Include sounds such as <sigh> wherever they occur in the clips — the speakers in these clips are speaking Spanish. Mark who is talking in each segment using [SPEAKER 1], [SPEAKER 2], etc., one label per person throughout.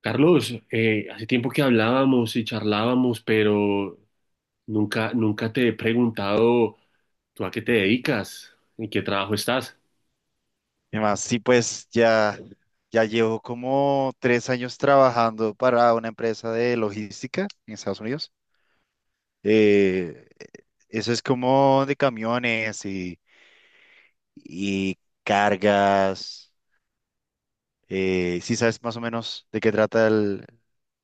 [SPEAKER 1] Carlos, hace tiempo que hablábamos y charlábamos, pero nunca te he preguntado tú a qué te dedicas, en qué trabajo estás.
[SPEAKER 2] Y más, sí, pues ya, llevo como 3 años trabajando para una empresa de logística en Estados Unidos. Eh, Eso es como de camiones y cargas. ¿Sí sabes más o menos de qué trata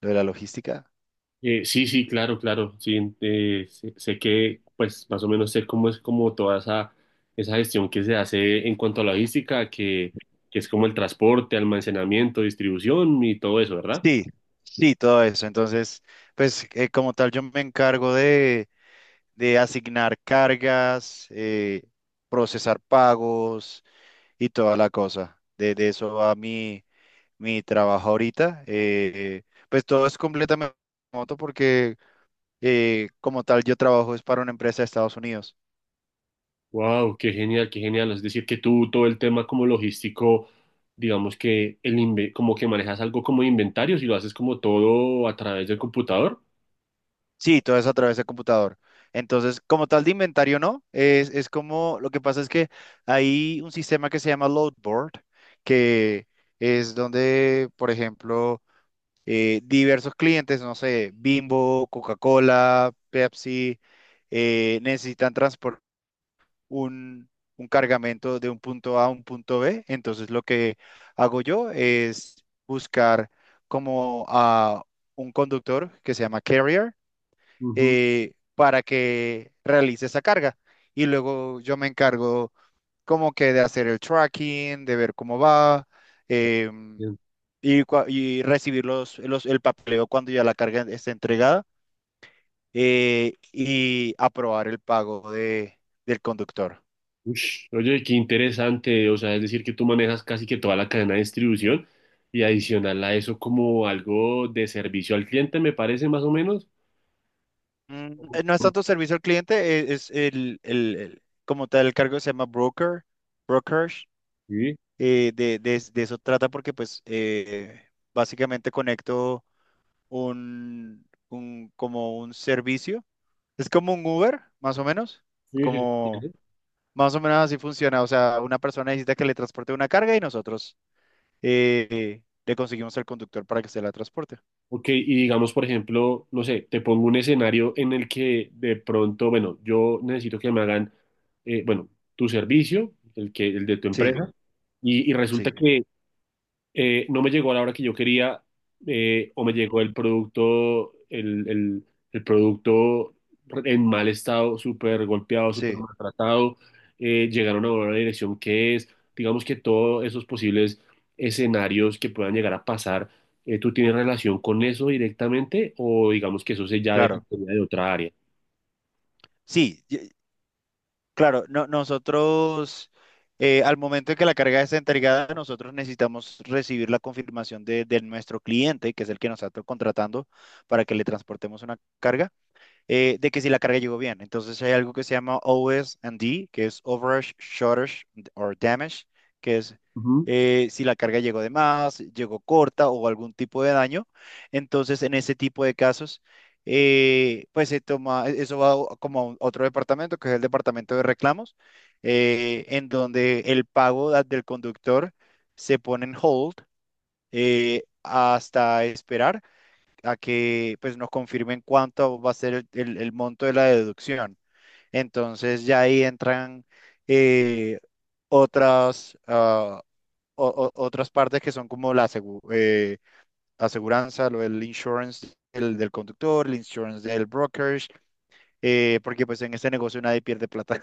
[SPEAKER 2] lo de la logística?
[SPEAKER 1] Sí, claro, claro, sí, sé que pues más o menos sé cómo es como toda esa gestión que se hace en cuanto a logística, que es como el transporte, almacenamiento, distribución y todo eso, ¿verdad?
[SPEAKER 2] Sí, sí, todo eso. Entonces, pues como tal, yo me encargo de asignar cargas, procesar pagos y toda la cosa. De eso va mi trabajo ahorita. Pues todo es completamente remoto porque como tal yo trabajo es para una empresa de Estados Unidos.
[SPEAKER 1] Wow, qué genial, qué genial. Es decir, que tú todo el tema como logístico, digamos que como que manejas algo como inventarios y lo haces como todo a través del computador.
[SPEAKER 2] Sí, todo es a través de computador. Entonces, como tal de inventario, no, es como, lo que pasa es que hay un sistema que se llama Loadboard, que es donde, por ejemplo, diversos clientes, no sé, Bimbo, Coca-Cola, Pepsi, necesitan transporte un, un cargamento de un punto A a un punto B. Entonces lo que hago yo es buscar como a un conductor que se llama carrier,
[SPEAKER 1] Ujú.
[SPEAKER 2] para que realice esa carga. Y luego yo me encargo como que de hacer el tracking, de ver cómo va. em,
[SPEAKER 1] Bien.
[SPEAKER 2] y recibir el papeleo cuando ya la carga esté entregada, y aprobar el pago del conductor.
[SPEAKER 1] Ush, oye, qué interesante. O sea, es decir, que tú manejas casi que toda la cadena de distribución y adicional a eso como algo de servicio al cliente, me parece más o menos.
[SPEAKER 2] No es tanto servicio al cliente, es como tal el cargo se llama broker, brokerage,
[SPEAKER 1] Sí,
[SPEAKER 2] de eso trata porque pues básicamente conecto como un servicio, es como un Uber, más o menos,
[SPEAKER 1] sí, sí. Sí.
[SPEAKER 2] como
[SPEAKER 1] Sí.
[SPEAKER 2] más o menos así funciona. O sea, una persona necesita que le transporte una carga y nosotros le conseguimos el conductor para que se la transporte.
[SPEAKER 1] Ok, y digamos, por ejemplo, no sé, te pongo un escenario en el que de pronto, bueno, yo necesito que me hagan, bueno, tu servicio, el de tu
[SPEAKER 2] Sí,
[SPEAKER 1] empresa, y resulta
[SPEAKER 2] sí,
[SPEAKER 1] que no me llegó a la hora que yo quería, o me llegó
[SPEAKER 2] ujú,
[SPEAKER 1] el producto, el producto en mal estado, súper golpeado, súper
[SPEAKER 2] sí,
[SPEAKER 1] maltratado, llegaron a una dirección que es, digamos que todos esos posibles escenarios que puedan llegar a pasar, ¿tú tienes relación con eso directamente o digamos que eso se ya
[SPEAKER 2] claro.
[SPEAKER 1] dependería de otra área?
[SPEAKER 2] Sí, claro, nosotros, al momento en que la carga es entregada, nosotros necesitamos recibir la confirmación de nuestro cliente, que es el que nos está contratando, para que le transportemos una carga, de que si la carga llegó bien. Entonces hay algo que se llama O S and D, que es Overage, Shortage or Damage, que es,
[SPEAKER 1] Ujú.
[SPEAKER 2] si la carga llegó de más, llegó corta o algún tipo de daño. Entonces en ese tipo de casos, pues eso va como a otro departamento, que es el departamento de reclamos, en donde el pago del conductor se pone en hold, hasta esperar a que pues nos confirmen cuánto va a ser el monto de la deducción. Entonces ya ahí entran eh, otras, ah, o- otras partes que son como aseguranza, lo del insurance del conductor, el insurance del brokerage, porque pues en este negocio nadie pierde plata.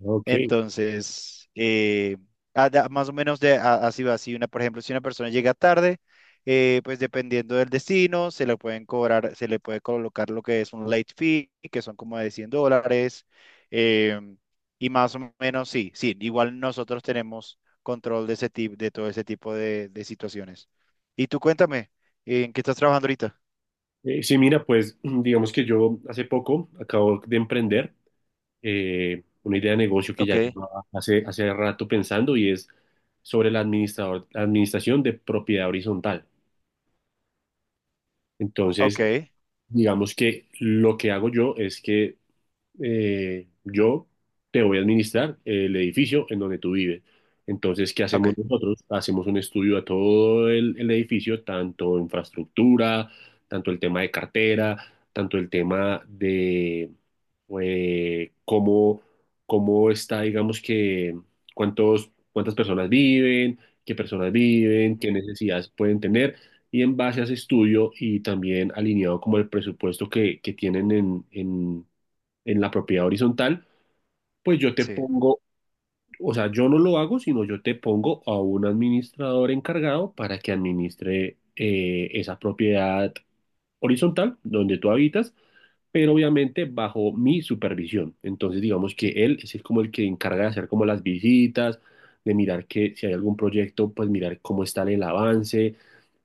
[SPEAKER 1] Ok.
[SPEAKER 2] Entonces, más o menos así va. Si una, por ejemplo, si una persona llega tarde, pues dependiendo del destino, se le pueden cobrar, se le puede colocar lo que es un late fee, que son como de $100. em, y más o menos, sí, sí, igual nosotros tenemos control de ese tipo, de todo ese tipo de situaciones. Y tú cuéntame, ¿en qué estás trabajando ahorita?
[SPEAKER 1] Sí, mira, pues <clears throat> digamos que yo hace poco acabo de emprender una idea de negocio que ya
[SPEAKER 2] Ok.
[SPEAKER 1] llevaba hace rato pensando y es sobre la administración de propiedad horizontal.
[SPEAKER 2] Ok,
[SPEAKER 1] Entonces, digamos que lo que hago yo es que yo te voy a administrar el edificio en donde tú vives. Entonces, ¿qué
[SPEAKER 2] ok,
[SPEAKER 1] hacemos nosotros? Hacemos un estudio a el edificio, tanto infraestructura, tanto el tema de cartera, tanto el tema eh, cómo, cómo está, digamos que, cuántas personas viven, qué
[SPEAKER 2] ujú,
[SPEAKER 1] necesidades pueden tener, y en base a ese estudio y también alineado como el presupuesto que tienen en la propiedad horizontal, pues yo te
[SPEAKER 2] sí,
[SPEAKER 1] pongo, o sea, yo no lo hago, sino yo te pongo a un administrador encargado para que administre esa propiedad horizontal donde tú habitas, pero obviamente bajo mi supervisión. Entonces, digamos que como el que encarga de hacer como las visitas, de mirar que si hay algún proyecto, pues mirar cómo está en el avance,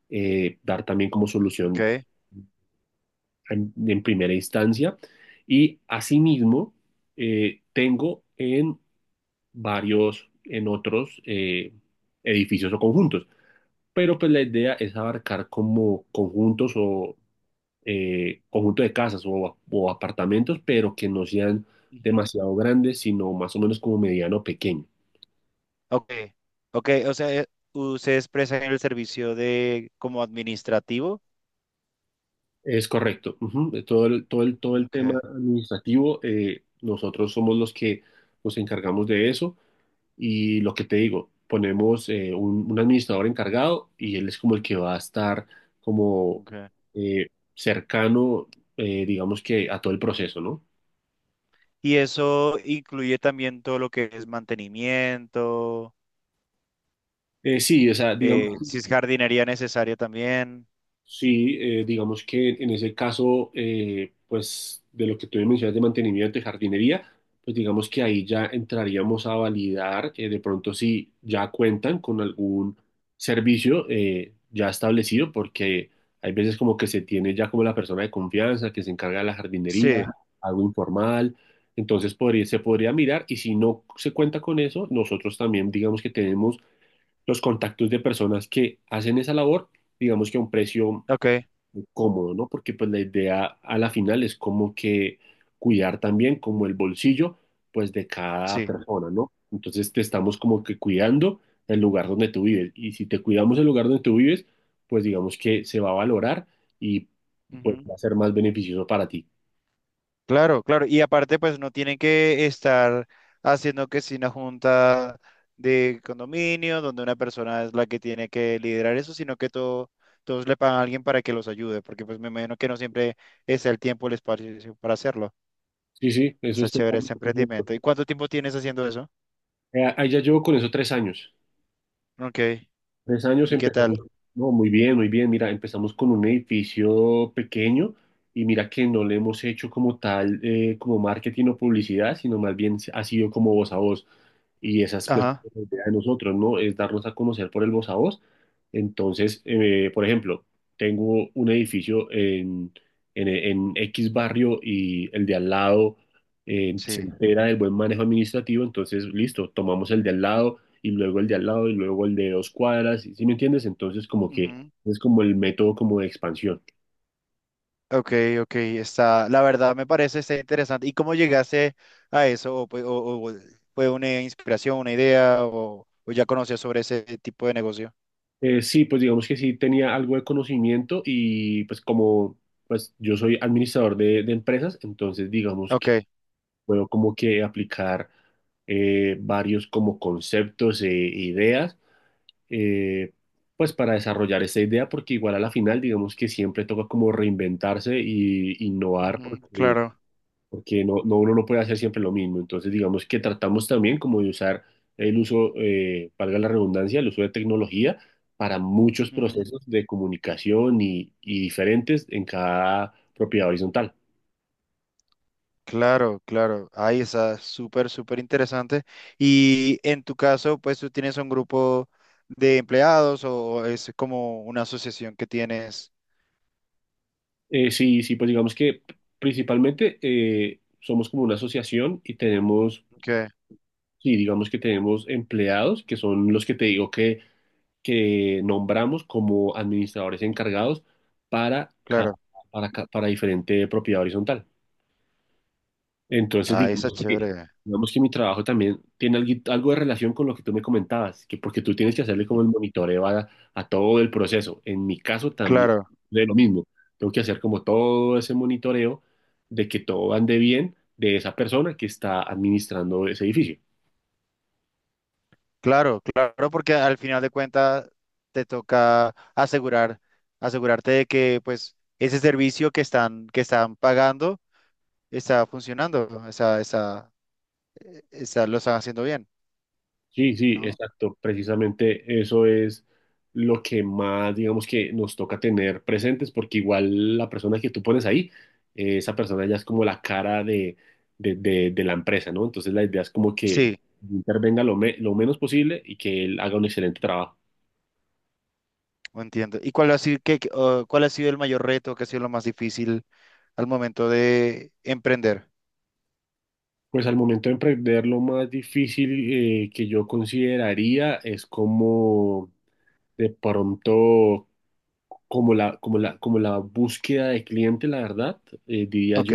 [SPEAKER 1] dar también como
[SPEAKER 2] ok.
[SPEAKER 1] solución en primera instancia. Y asimismo, tengo en varios, en otros edificios o conjuntos. Pero pues la idea es abarcar como conjuntos o conjunto de casas o apartamentos, pero que no sean demasiado grandes, sino más o menos como mediano o pequeño.
[SPEAKER 2] Ok, ok, o sea, ustedes prestan el servicio de como administrativo.
[SPEAKER 1] Es correcto. Ujú. De todo el todo el tema
[SPEAKER 2] Okay,
[SPEAKER 1] administrativo, nosotros somos los que nos encargamos de eso, y lo que te digo, ponemos un administrador encargado y él es como el que va a estar como
[SPEAKER 2] okay.
[SPEAKER 1] eh, cercano, digamos que a todo el proceso, ¿no?
[SPEAKER 2] ¿Y eso incluye también todo lo que es mantenimiento,
[SPEAKER 1] Sí, o sea, digamos
[SPEAKER 2] si es jardinería necesaria también?
[SPEAKER 1] sí, digamos que en ese caso, pues de lo que tú me mencionas de mantenimiento de jardinería, pues digamos que ahí ya entraríamos a validar de pronto si ya cuentan con algún servicio ya establecido, porque hay veces como que se tiene ya como la persona de confianza que se encarga de la jardinería,
[SPEAKER 2] Sí,
[SPEAKER 1] algo informal, entonces se podría mirar y si no se cuenta con eso, nosotros también digamos que tenemos los contactos de personas que hacen esa labor digamos que a un precio
[SPEAKER 2] ok,
[SPEAKER 1] cómodo, ¿no? Porque pues la idea a la final es como que cuidar también como el bolsillo pues de cada
[SPEAKER 2] sí.
[SPEAKER 1] persona, ¿no? Entonces te estamos como que cuidando el lugar donde tú vives y si te cuidamos el lugar donde tú vives, pues digamos que se va a valorar y pues va a ser más beneficioso para ti.
[SPEAKER 2] Claro, claro. Y aparte, pues no tienen que estar haciendo que si una junta de condominio, donde una persona es la que tiene que liderar eso, sino que todo, todos le pagan a alguien para que los ayude, porque pues me imagino que no siempre es el tiempo, el espacio para hacerlo.
[SPEAKER 1] Sí, sí, eso
[SPEAKER 2] Está
[SPEAKER 1] es
[SPEAKER 2] chévere ese
[SPEAKER 1] totalmente cierto.
[SPEAKER 2] emprendimiento. ¿Y cuánto tiempo tienes haciendo eso?
[SPEAKER 1] Ahí ya llevo con eso tres años.
[SPEAKER 2] Ok.
[SPEAKER 1] Tres años
[SPEAKER 2] ¿Y qué
[SPEAKER 1] empezamos,
[SPEAKER 2] tal?
[SPEAKER 1] no, muy bien, muy bien. Mira, empezamos con un edificio pequeño y mira que no le hemos hecho como tal, como marketing o publicidad, sino más bien ha sido como voz a voz. Y esa es pues
[SPEAKER 2] Ajá.
[SPEAKER 1] la idea de nosotros, ¿no? Es darnos a conocer por el voz a voz. Entonces, por ejemplo, tengo un edificio en X barrio y el de al lado se
[SPEAKER 2] Sí.
[SPEAKER 1] entera del buen manejo administrativo, entonces, listo, tomamos el de al lado y luego el de al lado y luego el de dos cuadras, ¿sí me entiendes? Entonces como que es como el método como de expansión.
[SPEAKER 2] Ok, ok, está, la verdad me parece está interesante. ¿Y cómo llegaste a eso? ¿O, o fue una inspiración, una idea, o ya conocías sobre ese tipo de negocio?
[SPEAKER 1] Sí, pues digamos que sí tenía algo de conocimiento y pues como pues yo soy administrador de empresas, entonces digamos que
[SPEAKER 2] Ok,
[SPEAKER 1] puedo como que aplicar varios como conceptos e ideas eh, pues para desarrollar esta idea porque igual a la final digamos que siempre toca como reinventarse y innovar
[SPEAKER 2] ujú,
[SPEAKER 1] porque
[SPEAKER 2] claro,
[SPEAKER 1] porque no, no, uno no puede hacer siempre lo mismo. Entonces, digamos que tratamos también como de usar el uso, valga la redundancia, el uso de tecnología para muchos
[SPEAKER 2] ujú,
[SPEAKER 1] procesos de comunicación y diferentes en cada propiedad horizontal.
[SPEAKER 2] claro, claro. Ahí está, súper, súper interesante. Y en tu caso, pues tú tienes un grupo de empleados, o es como una asociación que tienes.
[SPEAKER 1] Sí, sí, pues digamos que principalmente somos como una asociación y tenemos,
[SPEAKER 2] Ok,
[SPEAKER 1] sí, digamos que tenemos empleados que son los que te digo que nombramos como administradores encargados para, ca-
[SPEAKER 2] claro.
[SPEAKER 1] para diferente propiedad horizontal. Entonces,
[SPEAKER 2] Ahí está chévere.
[SPEAKER 1] digamos que mi trabajo también tiene algo de relación con lo que tú me comentabas, que porque tú tienes que hacerle como
[SPEAKER 2] Ujú,
[SPEAKER 1] el monitoreo a todo el proceso. En mi caso también
[SPEAKER 2] claro.
[SPEAKER 1] de lo mismo. Tengo que hacer como todo ese monitoreo de que todo ande bien de esa persona que está administrando ese edificio.
[SPEAKER 2] Claro, claro, porque al final de cuentas te toca asegurar, asegurarte de que pues ese servicio que están pagando está funcionando, está, está, lo están haciendo bien,
[SPEAKER 1] Sí, sí,
[SPEAKER 2] ¿no?
[SPEAKER 1] exacto. Precisamente eso es lo que más, digamos que nos toca tener presentes, porque igual la persona que tú pones ahí, esa persona ya es como la cara de, de la empresa, ¿no? Entonces la idea es como que
[SPEAKER 2] Sí,
[SPEAKER 1] intervenga lo menos posible y que él haga un excelente trabajo.
[SPEAKER 2] lo entiendo. ¿Y cuál ha sido, qué- qué- o cuál ha sido el mayor reto, qué ha sido lo más difícil al momento de emprender?
[SPEAKER 1] Pues al momento de emprender, lo más difícil que yo consideraría es como de pronto, como la búsqueda de cliente, la verdad, diría
[SPEAKER 2] Ok,
[SPEAKER 1] yo.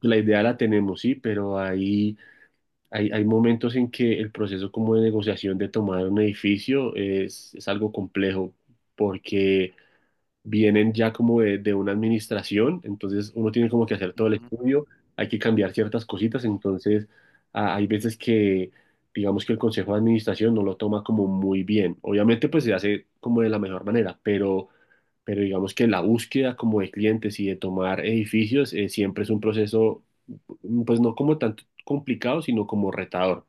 [SPEAKER 1] La idea la tenemos, sí, pero hay momentos en que el proceso como de negociación de tomar un edificio es algo complejo porque vienen ya como de una administración, entonces uno tiene como que hacer todo el
[SPEAKER 2] ujú,
[SPEAKER 1] estudio, hay que cambiar ciertas cositas, entonces ah, hay veces que digamos que el consejo de administración no lo toma como muy bien. Obviamente pues se hace como de la mejor manera, pero digamos que la búsqueda como de clientes y de tomar edificios siempre es un proceso pues no como tanto complicado, sino como retador.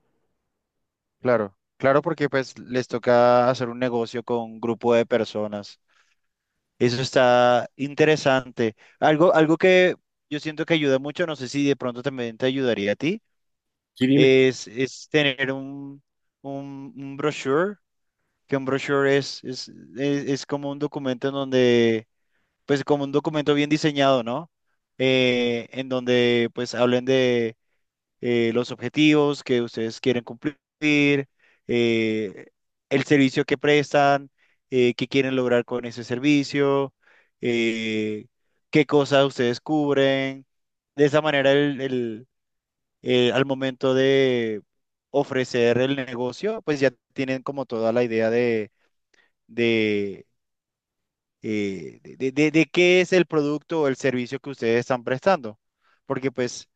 [SPEAKER 2] claro, claro, porque pues les toca hacer un negocio con un grupo de personas. Eso está interesante. Algo, algo que yo siento que ayuda mucho, no sé si de pronto también te ayudaría a ti,
[SPEAKER 1] Sí, dime.
[SPEAKER 2] es tener un brochure, que un brochure es como un documento en donde, pues como un documento bien diseñado, ¿no? En donde pues hablen los objetivos que ustedes quieren cumplir, eh, el servicio que prestan, qué quieren lograr con ese servicio, eh, qué cosas ustedes cubren. De esa manera, al momento de ofrecer el negocio, pues ya tienen como toda la idea de, de qué es el producto o el servicio que ustedes están prestando. Porque pues…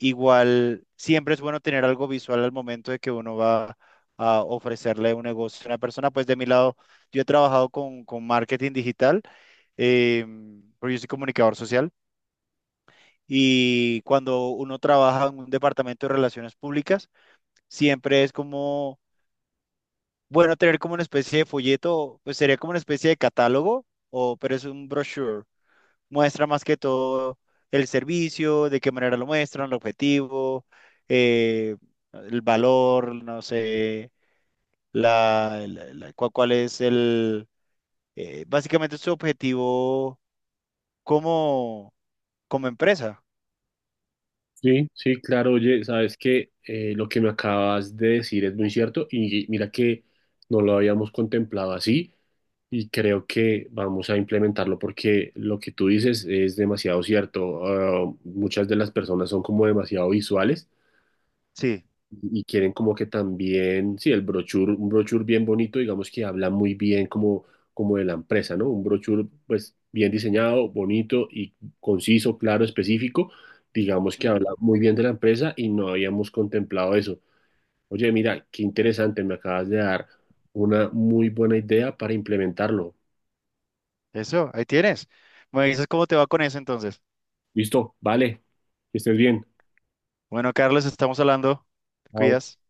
[SPEAKER 2] Igual, siempre es bueno tener algo visual al momento de que uno va a ofrecerle un negocio a una persona. Pues de mi lado, yo he trabajado con marketing digital, eh, porque yo soy comunicador social. Y cuando uno trabaja en un departamento de relaciones públicas, siempre es como, bueno, tener como una especie de folleto, pues sería como una especie de catálogo, o, pero es un brochure, muestra más que todo el servicio, de qué manera lo muestran, el objetivo, eh, el valor, no sé, cuál es el, básicamente su objetivo como, como empresa.
[SPEAKER 1] Sí, sí, claro, oye, sabes que lo que me acabas de decir es muy cierto y mira que no lo habíamos contemplado así y creo que vamos a implementarlo porque lo que tú dices es demasiado cierto. Ah, muchas de las personas son como demasiado visuales
[SPEAKER 2] Sí,
[SPEAKER 1] y quieren como que también, sí, el brochure, un brochure bien bonito, digamos que habla muy bien como, como de la empresa, ¿no? Un brochure pues bien diseñado, bonito y conciso, claro, específico, digamos que habla
[SPEAKER 2] ujú.
[SPEAKER 1] muy bien de la empresa y no habíamos contemplado eso. Oye, mira, qué interesante, me acabas de dar una muy buena idea para implementarlo.
[SPEAKER 2] Eso, ahí tienes. Me dices cómo te va con eso entonces.
[SPEAKER 1] Listo, vale, que estés bien.
[SPEAKER 2] Bueno, Carlos, estamos hablando. Te
[SPEAKER 1] Chao.
[SPEAKER 2] cuidas.